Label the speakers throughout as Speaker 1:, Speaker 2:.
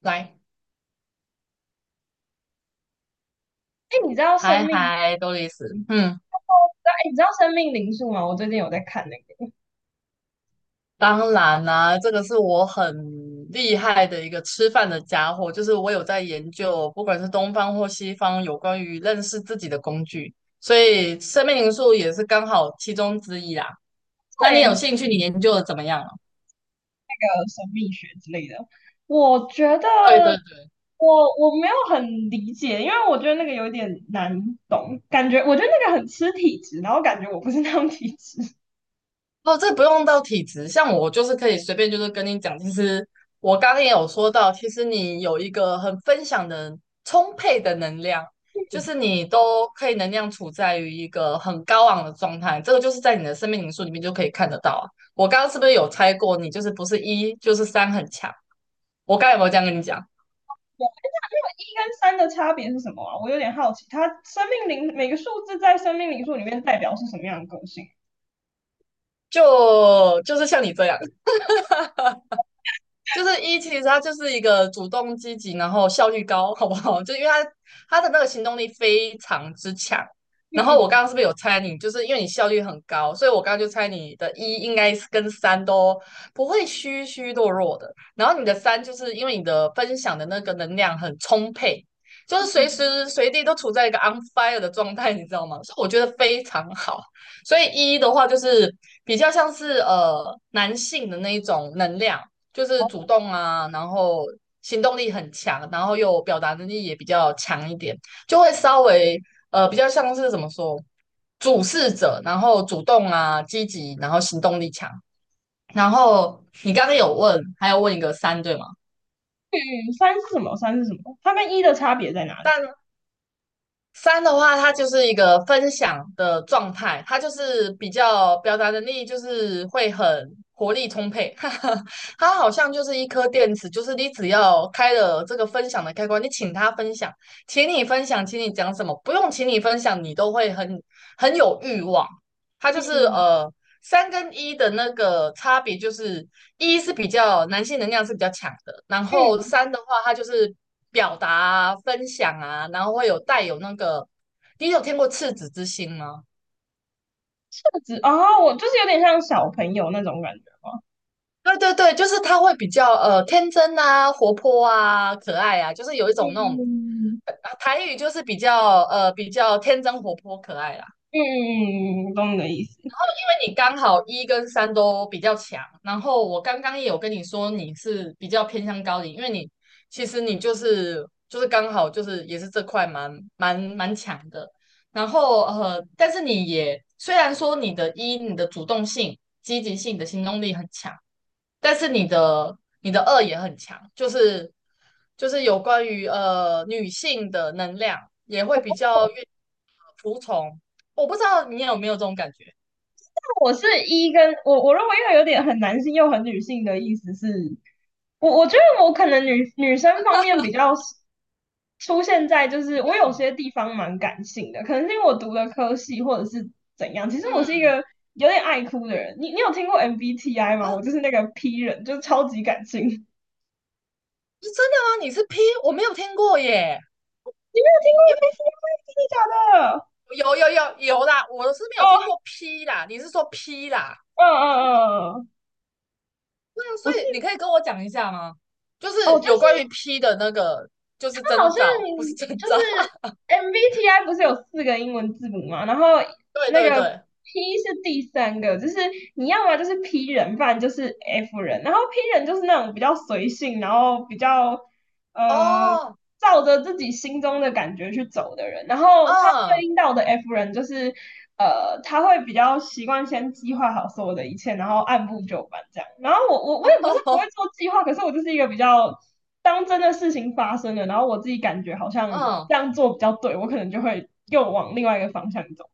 Speaker 1: 来，
Speaker 2: 哎，你知道生
Speaker 1: 嗨
Speaker 2: 命，
Speaker 1: 嗨，多丽丝，
Speaker 2: 哦，知道。哎，你知道生命灵数吗？我最近有在看那个，
Speaker 1: 当然啦、这个是我很厉害的一个吃饭的家伙，就是我有在研究，不管是东方或西方，有关于认识自己的工具，所以生命灵数也是刚好其中之一啦。那
Speaker 2: 会
Speaker 1: 你有
Speaker 2: 研究
Speaker 1: 兴趣，你研究的怎么样了？
Speaker 2: 那个神秘学之类的。我觉得
Speaker 1: 对对对。
Speaker 2: 我没有很理解，因为我觉得那个有点难懂，感觉我觉得那个很吃体质，然后感觉我不是那种体质。对。
Speaker 1: 哦，这不用到体质，像我就是可以随便就是跟你讲，其实我刚刚也有说到，其实你有一个很分享的充沛的能量，就是你都可以能量处在于一个很高昂的状态，这个就是在你的生命灵数里面就可以看得到啊。我刚刚是不是有猜过你就是不是一就是三很强？我刚刚有没有这样跟你讲？
Speaker 2: 那一跟三的差别是什么啊？我有点好奇，它生命灵每个数字在生命灵数里面代表是什么样的个性？
Speaker 1: 就是像你这样。就是一，其实他就是一个主动积极，然后效率高，好不好？就因为他那个行动力非常之强。然后我
Speaker 2: 嗯
Speaker 1: 刚刚是不是有猜你？就是因为你效率很高，所以我刚刚就猜你的一应该是跟三都不会虚虚弱弱的。然后你的三就是因为你的分享的那个能量很充沛，就是随
Speaker 2: 嗯，
Speaker 1: 时随地都处在一个 on fire 的状态，你知道吗？所以我觉得非常好。所以一的话就是比较像是男性的那一种能量。就是
Speaker 2: 好。
Speaker 1: 主动啊，然后行动力很强，然后又表达能力也比较强一点，就会稍微比较像是怎么说，主事者，然后主动啊，积极，然后行动力强。然后你刚刚有问，还要问一个三对吗？
Speaker 2: 嗯，三是什么？三是什么？它跟一的差别在哪里？
Speaker 1: 但三的话，它就是一个分享的状态，它就是比较表达能力，就是会很活力充沛。哈哈，它好像就是一颗电池，就是你只要开了这个分享的开关，你请它分享，请你分享，请你讲什么，不用请你分享，你都会很很有欲望。它就是
Speaker 2: 嗯
Speaker 1: 三跟一的那个差别就是一是比较男性能量是比较强的，然后
Speaker 2: 嗯，
Speaker 1: 三的话，它就是表达啊、分享啊，然后会有带有那个，你有听过赤子之心吗？
Speaker 2: 特质哦？我就是有点像小朋友那种感觉吗？
Speaker 1: 对对对，就是他会比较天真啊、活泼啊、可爱啊，就是有一种那
Speaker 2: 嗯
Speaker 1: 种
Speaker 2: 嗯
Speaker 1: 台语就是比较比较天真活泼可爱啦。
Speaker 2: 嗯，懂你的意思。
Speaker 1: 你刚好一跟三都比较强，然后我刚刚也有跟你说你是比较偏向高龄，因为你其实你就是刚好就是也是这块蛮强的，然后但是你也虽然说你的一你的主动性、积极性、你的行动力很强，但是你的二也很强，就是就是有关于女性的能量也会比较愿服从，我不知道你有没有这种感觉，
Speaker 2: 我是一跟我认为又有点很男性又很女性的意思是，我觉得我可能女生方面比较出现在就是我有些地方蛮感性的，可能是因为我读的科系或者是怎样。其实我是一
Speaker 1: 嗯。
Speaker 2: 个有点爱哭的人。你有听过 MBTI 吗？
Speaker 1: 哦，
Speaker 2: 我就是那个 P 人，就是超级感性。你
Speaker 1: 是真的吗？你是 P?我没有听过耶。
Speaker 2: 没有听过
Speaker 1: 因为
Speaker 2: MBTI？真的假的？
Speaker 1: 有啦，我是没
Speaker 2: 哦，
Speaker 1: 有听过 P 啦，你是说 P 啦？
Speaker 2: 嗯嗯嗯。嗯，
Speaker 1: 对啊，所
Speaker 2: 我是。
Speaker 1: 以你可以跟我讲一下吗？就
Speaker 2: 哦，
Speaker 1: 是
Speaker 2: 就
Speaker 1: 有关于
Speaker 2: 是
Speaker 1: P 的那个，就是
Speaker 2: 它好
Speaker 1: 征
Speaker 2: 像
Speaker 1: 兆，不是征
Speaker 2: 就是
Speaker 1: 兆。
Speaker 2: MBTI 不是有四个英文字母嘛，然后
Speaker 1: 对
Speaker 2: 那
Speaker 1: 对
Speaker 2: 个
Speaker 1: 对，
Speaker 2: P 是第三个，就是你要么就是 P 人，不然就是 F 人。然后 P 人就是那种比较随性，然后比较呃
Speaker 1: 哦，
Speaker 2: 照着自己心中的感觉去走的人。然后他
Speaker 1: 嗯，
Speaker 2: 对应到的 F 人就是他会比较习惯先计划好所有的一切，然后按部就班这样。然后我也不是不
Speaker 1: 哦，
Speaker 2: 会做计划，可是我就是一个比较。当真的事情发生了，然后我自己感觉好
Speaker 1: 嗯。
Speaker 2: 像
Speaker 1: 哦。
Speaker 2: 这样做比较对，我可能就会又往另外一个方向走。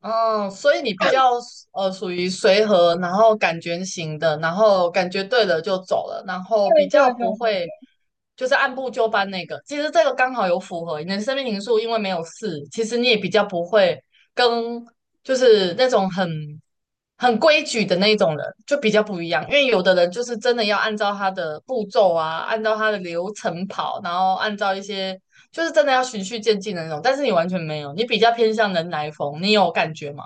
Speaker 1: 哦，所以你比较属于随和，然后感觉型的，然后感觉对了就走了，然后比
Speaker 2: 对
Speaker 1: 较
Speaker 2: 对对
Speaker 1: 不会
Speaker 2: 对，
Speaker 1: 就是按部就班那个。其实这个刚好有符合你的生命灵数，因为没有事，其实你也比较不会跟就是那种很很规矩的那种人就比较不一样。因为有的人就是真的要按照他的步骤啊，按照他的流程跑，然后按照一些。就是真的要循序渐进的那种，但是你完全没有，你比较偏向人来疯，你有感觉吗？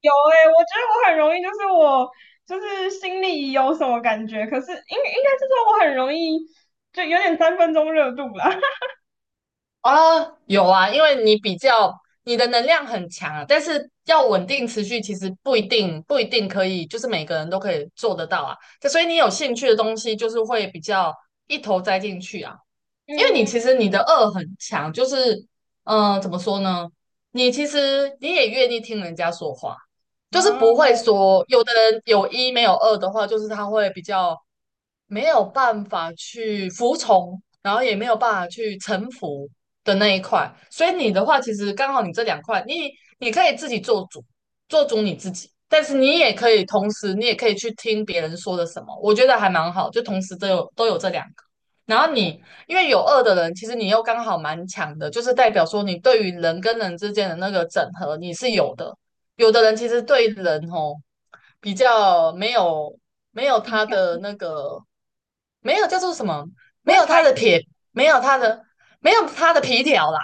Speaker 2: 有哎、欸，我觉得我很容易，就是我就是心里有什么感觉，可是应该是说我很容易就有点三分钟热度啦。
Speaker 1: 啊，哦有啊，因为你比较你的能量很强啊，但是要稳定持续，其实不一定可以，就是每个人都可以做得到啊。所以你有兴趣的东西，就是会比较一头栽进去啊。因为你
Speaker 2: 嗯。
Speaker 1: 其实你的恶很强，就是，怎么说呢？你其实你也愿意听人家说话，就是不
Speaker 2: 啊，
Speaker 1: 会说有的人有一没有二的话，就是他会比较没有办法去服从，然后也没有办法去臣服的那一块。所以你的话，其实刚好你这两块，你你可以自己做主，做主你自己，但是你也可以同时，你也可以去听别人说的什么，我觉得还蛮好，就同时都有这两个。然后你因为有二的人，其实你又刚好蛮强的，就是代表说你对于人跟人之间的那个整合你是有的。有的人其实对人哦比较没有
Speaker 2: 敏
Speaker 1: 他
Speaker 2: 感，
Speaker 1: 的那个没有叫做什么，
Speaker 2: 不
Speaker 1: 没
Speaker 2: 会
Speaker 1: 有
Speaker 2: 猜。
Speaker 1: 他的撇，没有他的没有他的皮条啦。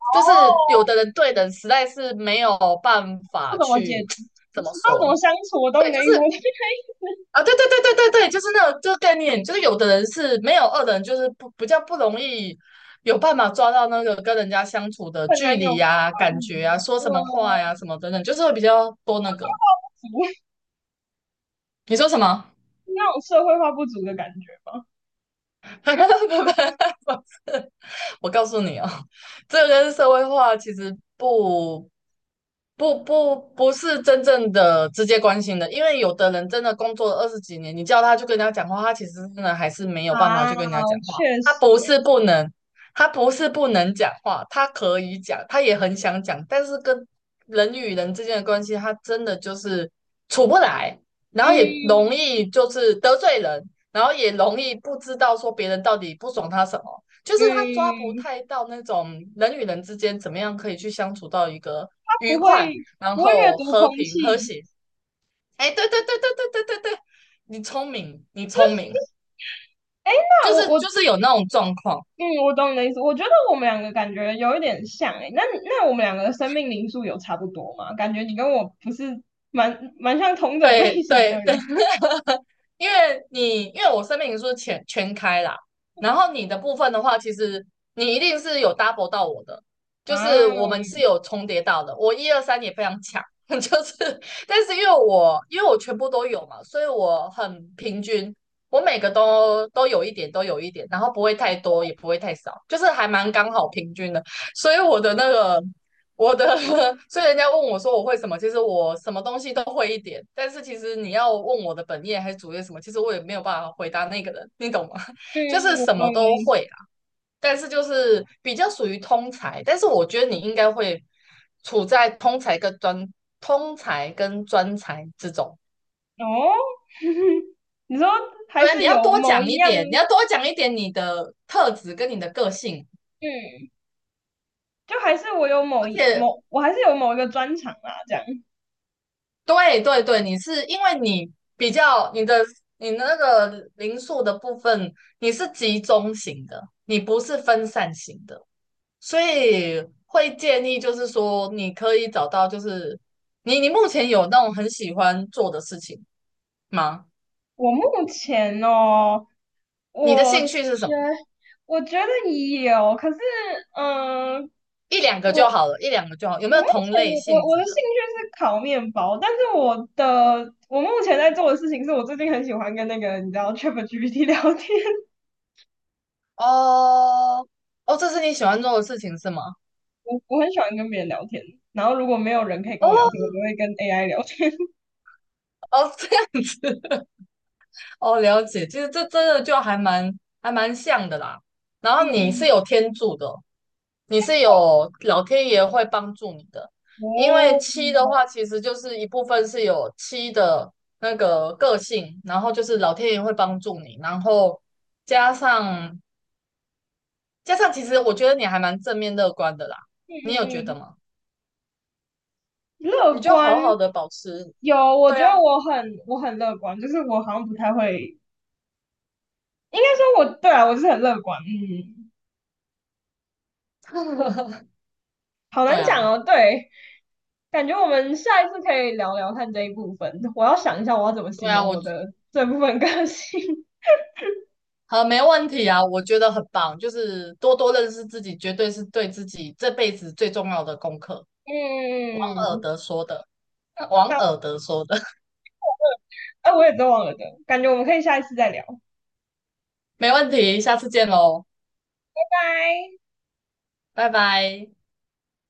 Speaker 2: 哦，
Speaker 1: 就是有的人对人实在是没有办
Speaker 2: 不
Speaker 1: 法
Speaker 2: 怎么解，
Speaker 1: 去
Speaker 2: 不
Speaker 1: 怎么
Speaker 2: 知道怎么
Speaker 1: 说，
Speaker 2: 相处，我懂你的意思。我觉得
Speaker 1: 啊，对对对对对对，就是那种这个概念，就是有的人是没有二的人，就是不比较不容易有办法抓到那个跟人家相处的
Speaker 2: 很
Speaker 1: 距
Speaker 2: 难有。
Speaker 1: 离
Speaker 2: 嗯，
Speaker 1: 呀、感觉啊、说
Speaker 2: 呃，
Speaker 1: 什么话呀、什么等等，就是会比较多那个。
Speaker 2: 足
Speaker 1: 你说什么？
Speaker 2: 那种社会化不足的感觉吧。
Speaker 1: 不，不，不，我告诉你哦，这跟社会化其实不是真正的直接关心的，因为有的人真的工作了二十几年，你叫他去跟人家讲话，他其实真的还是没有办法
Speaker 2: 啊，
Speaker 1: 去跟人家讲话。
Speaker 2: 确
Speaker 1: 他
Speaker 2: 实
Speaker 1: 不是
Speaker 2: 欸。
Speaker 1: 不能，他不是不能讲话，他可以讲，他也很想讲，但是跟人与人之间的关系，他真的就是处不来，然后也容
Speaker 2: 嗯
Speaker 1: 易就是得罪人，然后也容易不知道说别人到底不爽他什么。就是他抓不
Speaker 2: 嗯，
Speaker 1: 太到那种人与人之间怎么样可以去相处到一个
Speaker 2: 它
Speaker 1: 愉
Speaker 2: 不会。
Speaker 1: 快，然
Speaker 2: 不会阅
Speaker 1: 后
Speaker 2: 读
Speaker 1: 和
Speaker 2: 空
Speaker 1: 平和
Speaker 2: 气。
Speaker 1: 谐。哎，对对对对对对对对，你聪明，你聪明，
Speaker 2: 哎，那
Speaker 1: 就
Speaker 2: 我
Speaker 1: 是
Speaker 2: 我
Speaker 1: 就是有那种状况。
Speaker 2: 嗯，我懂你的意思。我觉得我们两个感觉有一点像哎、那我们两个的生命灵数有差不多吗？感觉你跟我不是蛮像同种类
Speaker 1: 对
Speaker 2: 型
Speaker 1: 对，
Speaker 2: 的人
Speaker 1: 因为你因为我生命灵数全开啦，然后你的部分的话，其实你一定是有 double 到我的，就
Speaker 2: 啊。
Speaker 1: 是我们是有重叠到的。我一二三也非常强，就是但是因为我因为我全部都有嘛，所以我很平均，我每个都有一点，都有一点，然后不会太多，也不会太少，就是还蛮刚好平均的。所以我的那个我的，所以人家问我说我会什么，其实我什么东西都会一点，但是其实你要问我的本业还是主业什么，其实我也没有办法回答那个人，你懂吗？
Speaker 2: 嗯，
Speaker 1: 就是
Speaker 2: 我
Speaker 1: 什么
Speaker 2: 懂你的
Speaker 1: 都
Speaker 2: 意思。
Speaker 1: 会啦，但是就是比较属于通才，但是我觉得你应该会处在通才跟专才之中。
Speaker 2: 哦，你说还
Speaker 1: 对啊，你
Speaker 2: 是有
Speaker 1: 要多
Speaker 2: 某
Speaker 1: 讲
Speaker 2: 一
Speaker 1: 一
Speaker 2: 样。
Speaker 1: 点，你要多讲一点你的特质跟你的个性，
Speaker 2: 嗯，就还是我有
Speaker 1: 而
Speaker 2: 某一
Speaker 1: 且
Speaker 2: 某，我还是有某一个专长啦，这样。
Speaker 1: 对对对，你是因为你比较你的你的那个零数的部分，你是集中型的，你不是分散型的，所以会建议就是说，你可以找到就是你你目前有那种很喜欢做的事情吗？
Speaker 2: 我目前哦。
Speaker 1: 你的
Speaker 2: 我
Speaker 1: 兴
Speaker 2: 觉
Speaker 1: 趣是什么？
Speaker 2: 我觉得有，可是嗯，
Speaker 1: 一两个就
Speaker 2: 我
Speaker 1: 好了，一两个就好。有没
Speaker 2: 我
Speaker 1: 有
Speaker 2: 目
Speaker 1: 同类
Speaker 2: 前
Speaker 1: 性
Speaker 2: 我我
Speaker 1: 质
Speaker 2: 的兴
Speaker 1: 的？
Speaker 2: 趣是烤面包，但是我目前在做的事情是我最近很喜欢跟那个你知道 ChatGPT 聊天。
Speaker 1: 哦。哦，这是你喜欢做的事情是吗？
Speaker 2: 我很喜欢跟别人聊天，然后如果没有人可以跟
Speaker 1: 哦。
Speaker 2: 我聊天，我就会跟 AI 聊天。
Speaker 1: 哦，这样子。哦，了解，其实这真的就还蛮还蛮像的啦。然后你是有 天助的，你是有老天爷会帮助你的，因为
Speaker 2: 哦，
Speaker 1: 七的话，
Speaker 2: 嗯
Speaker 1: 其实就是一部分是有七的那个个性，然后就是老天爷会帮助你，然后加上加上，其实我觉得你还蛮正面乐观的啦，
Speaker 2: 嗯
Speaker 1: 你有觉得
Speaker 2: 嗯，
Speaker 1: 吗？
Speaker 2: 乐
Speaker 1: 你就
Speaker 2: 观，
Speaker 1: 好好的保持，
Speaker 2: 有。我觉
Speaker 1: 对
Speaker 2: 得
Speaker 1: 啊，
Speaker 2: 我很乐观，就是我好像不太会，应该说我，对啊，我是很乐观。嗯。好
Speaker 1: 对
Speaker 2: 难讲
Speaker 1: 啊，
Speaker 2: 哦。对，感觉我们下一次可以聊聊看这一部分。我要想一下我要怎么
Speaker 1: 对
Speaker 2: 形
Speaker 1: 啊，
Speaker 2: 容
Speaker 1: 我
Speaker 2: 我的这部分个性。
Speaker 1: 好，没问题啊，我觉得很棒，就是多多认识自己，绝对是对自己这辈子最重要的功课。王尔
Speaker 2: 嗯，
Speaker 1: 德说的，王
Speaker 2: 那
Speaker 1: 尔德说的，
Speaker 2: 哎、我也都忘了的，感觉我们可以下一次再聊。
Speaker 1: 没问题，下次见喽，
Speaker 2: 拜拜。
Speaker 1: 拜拜。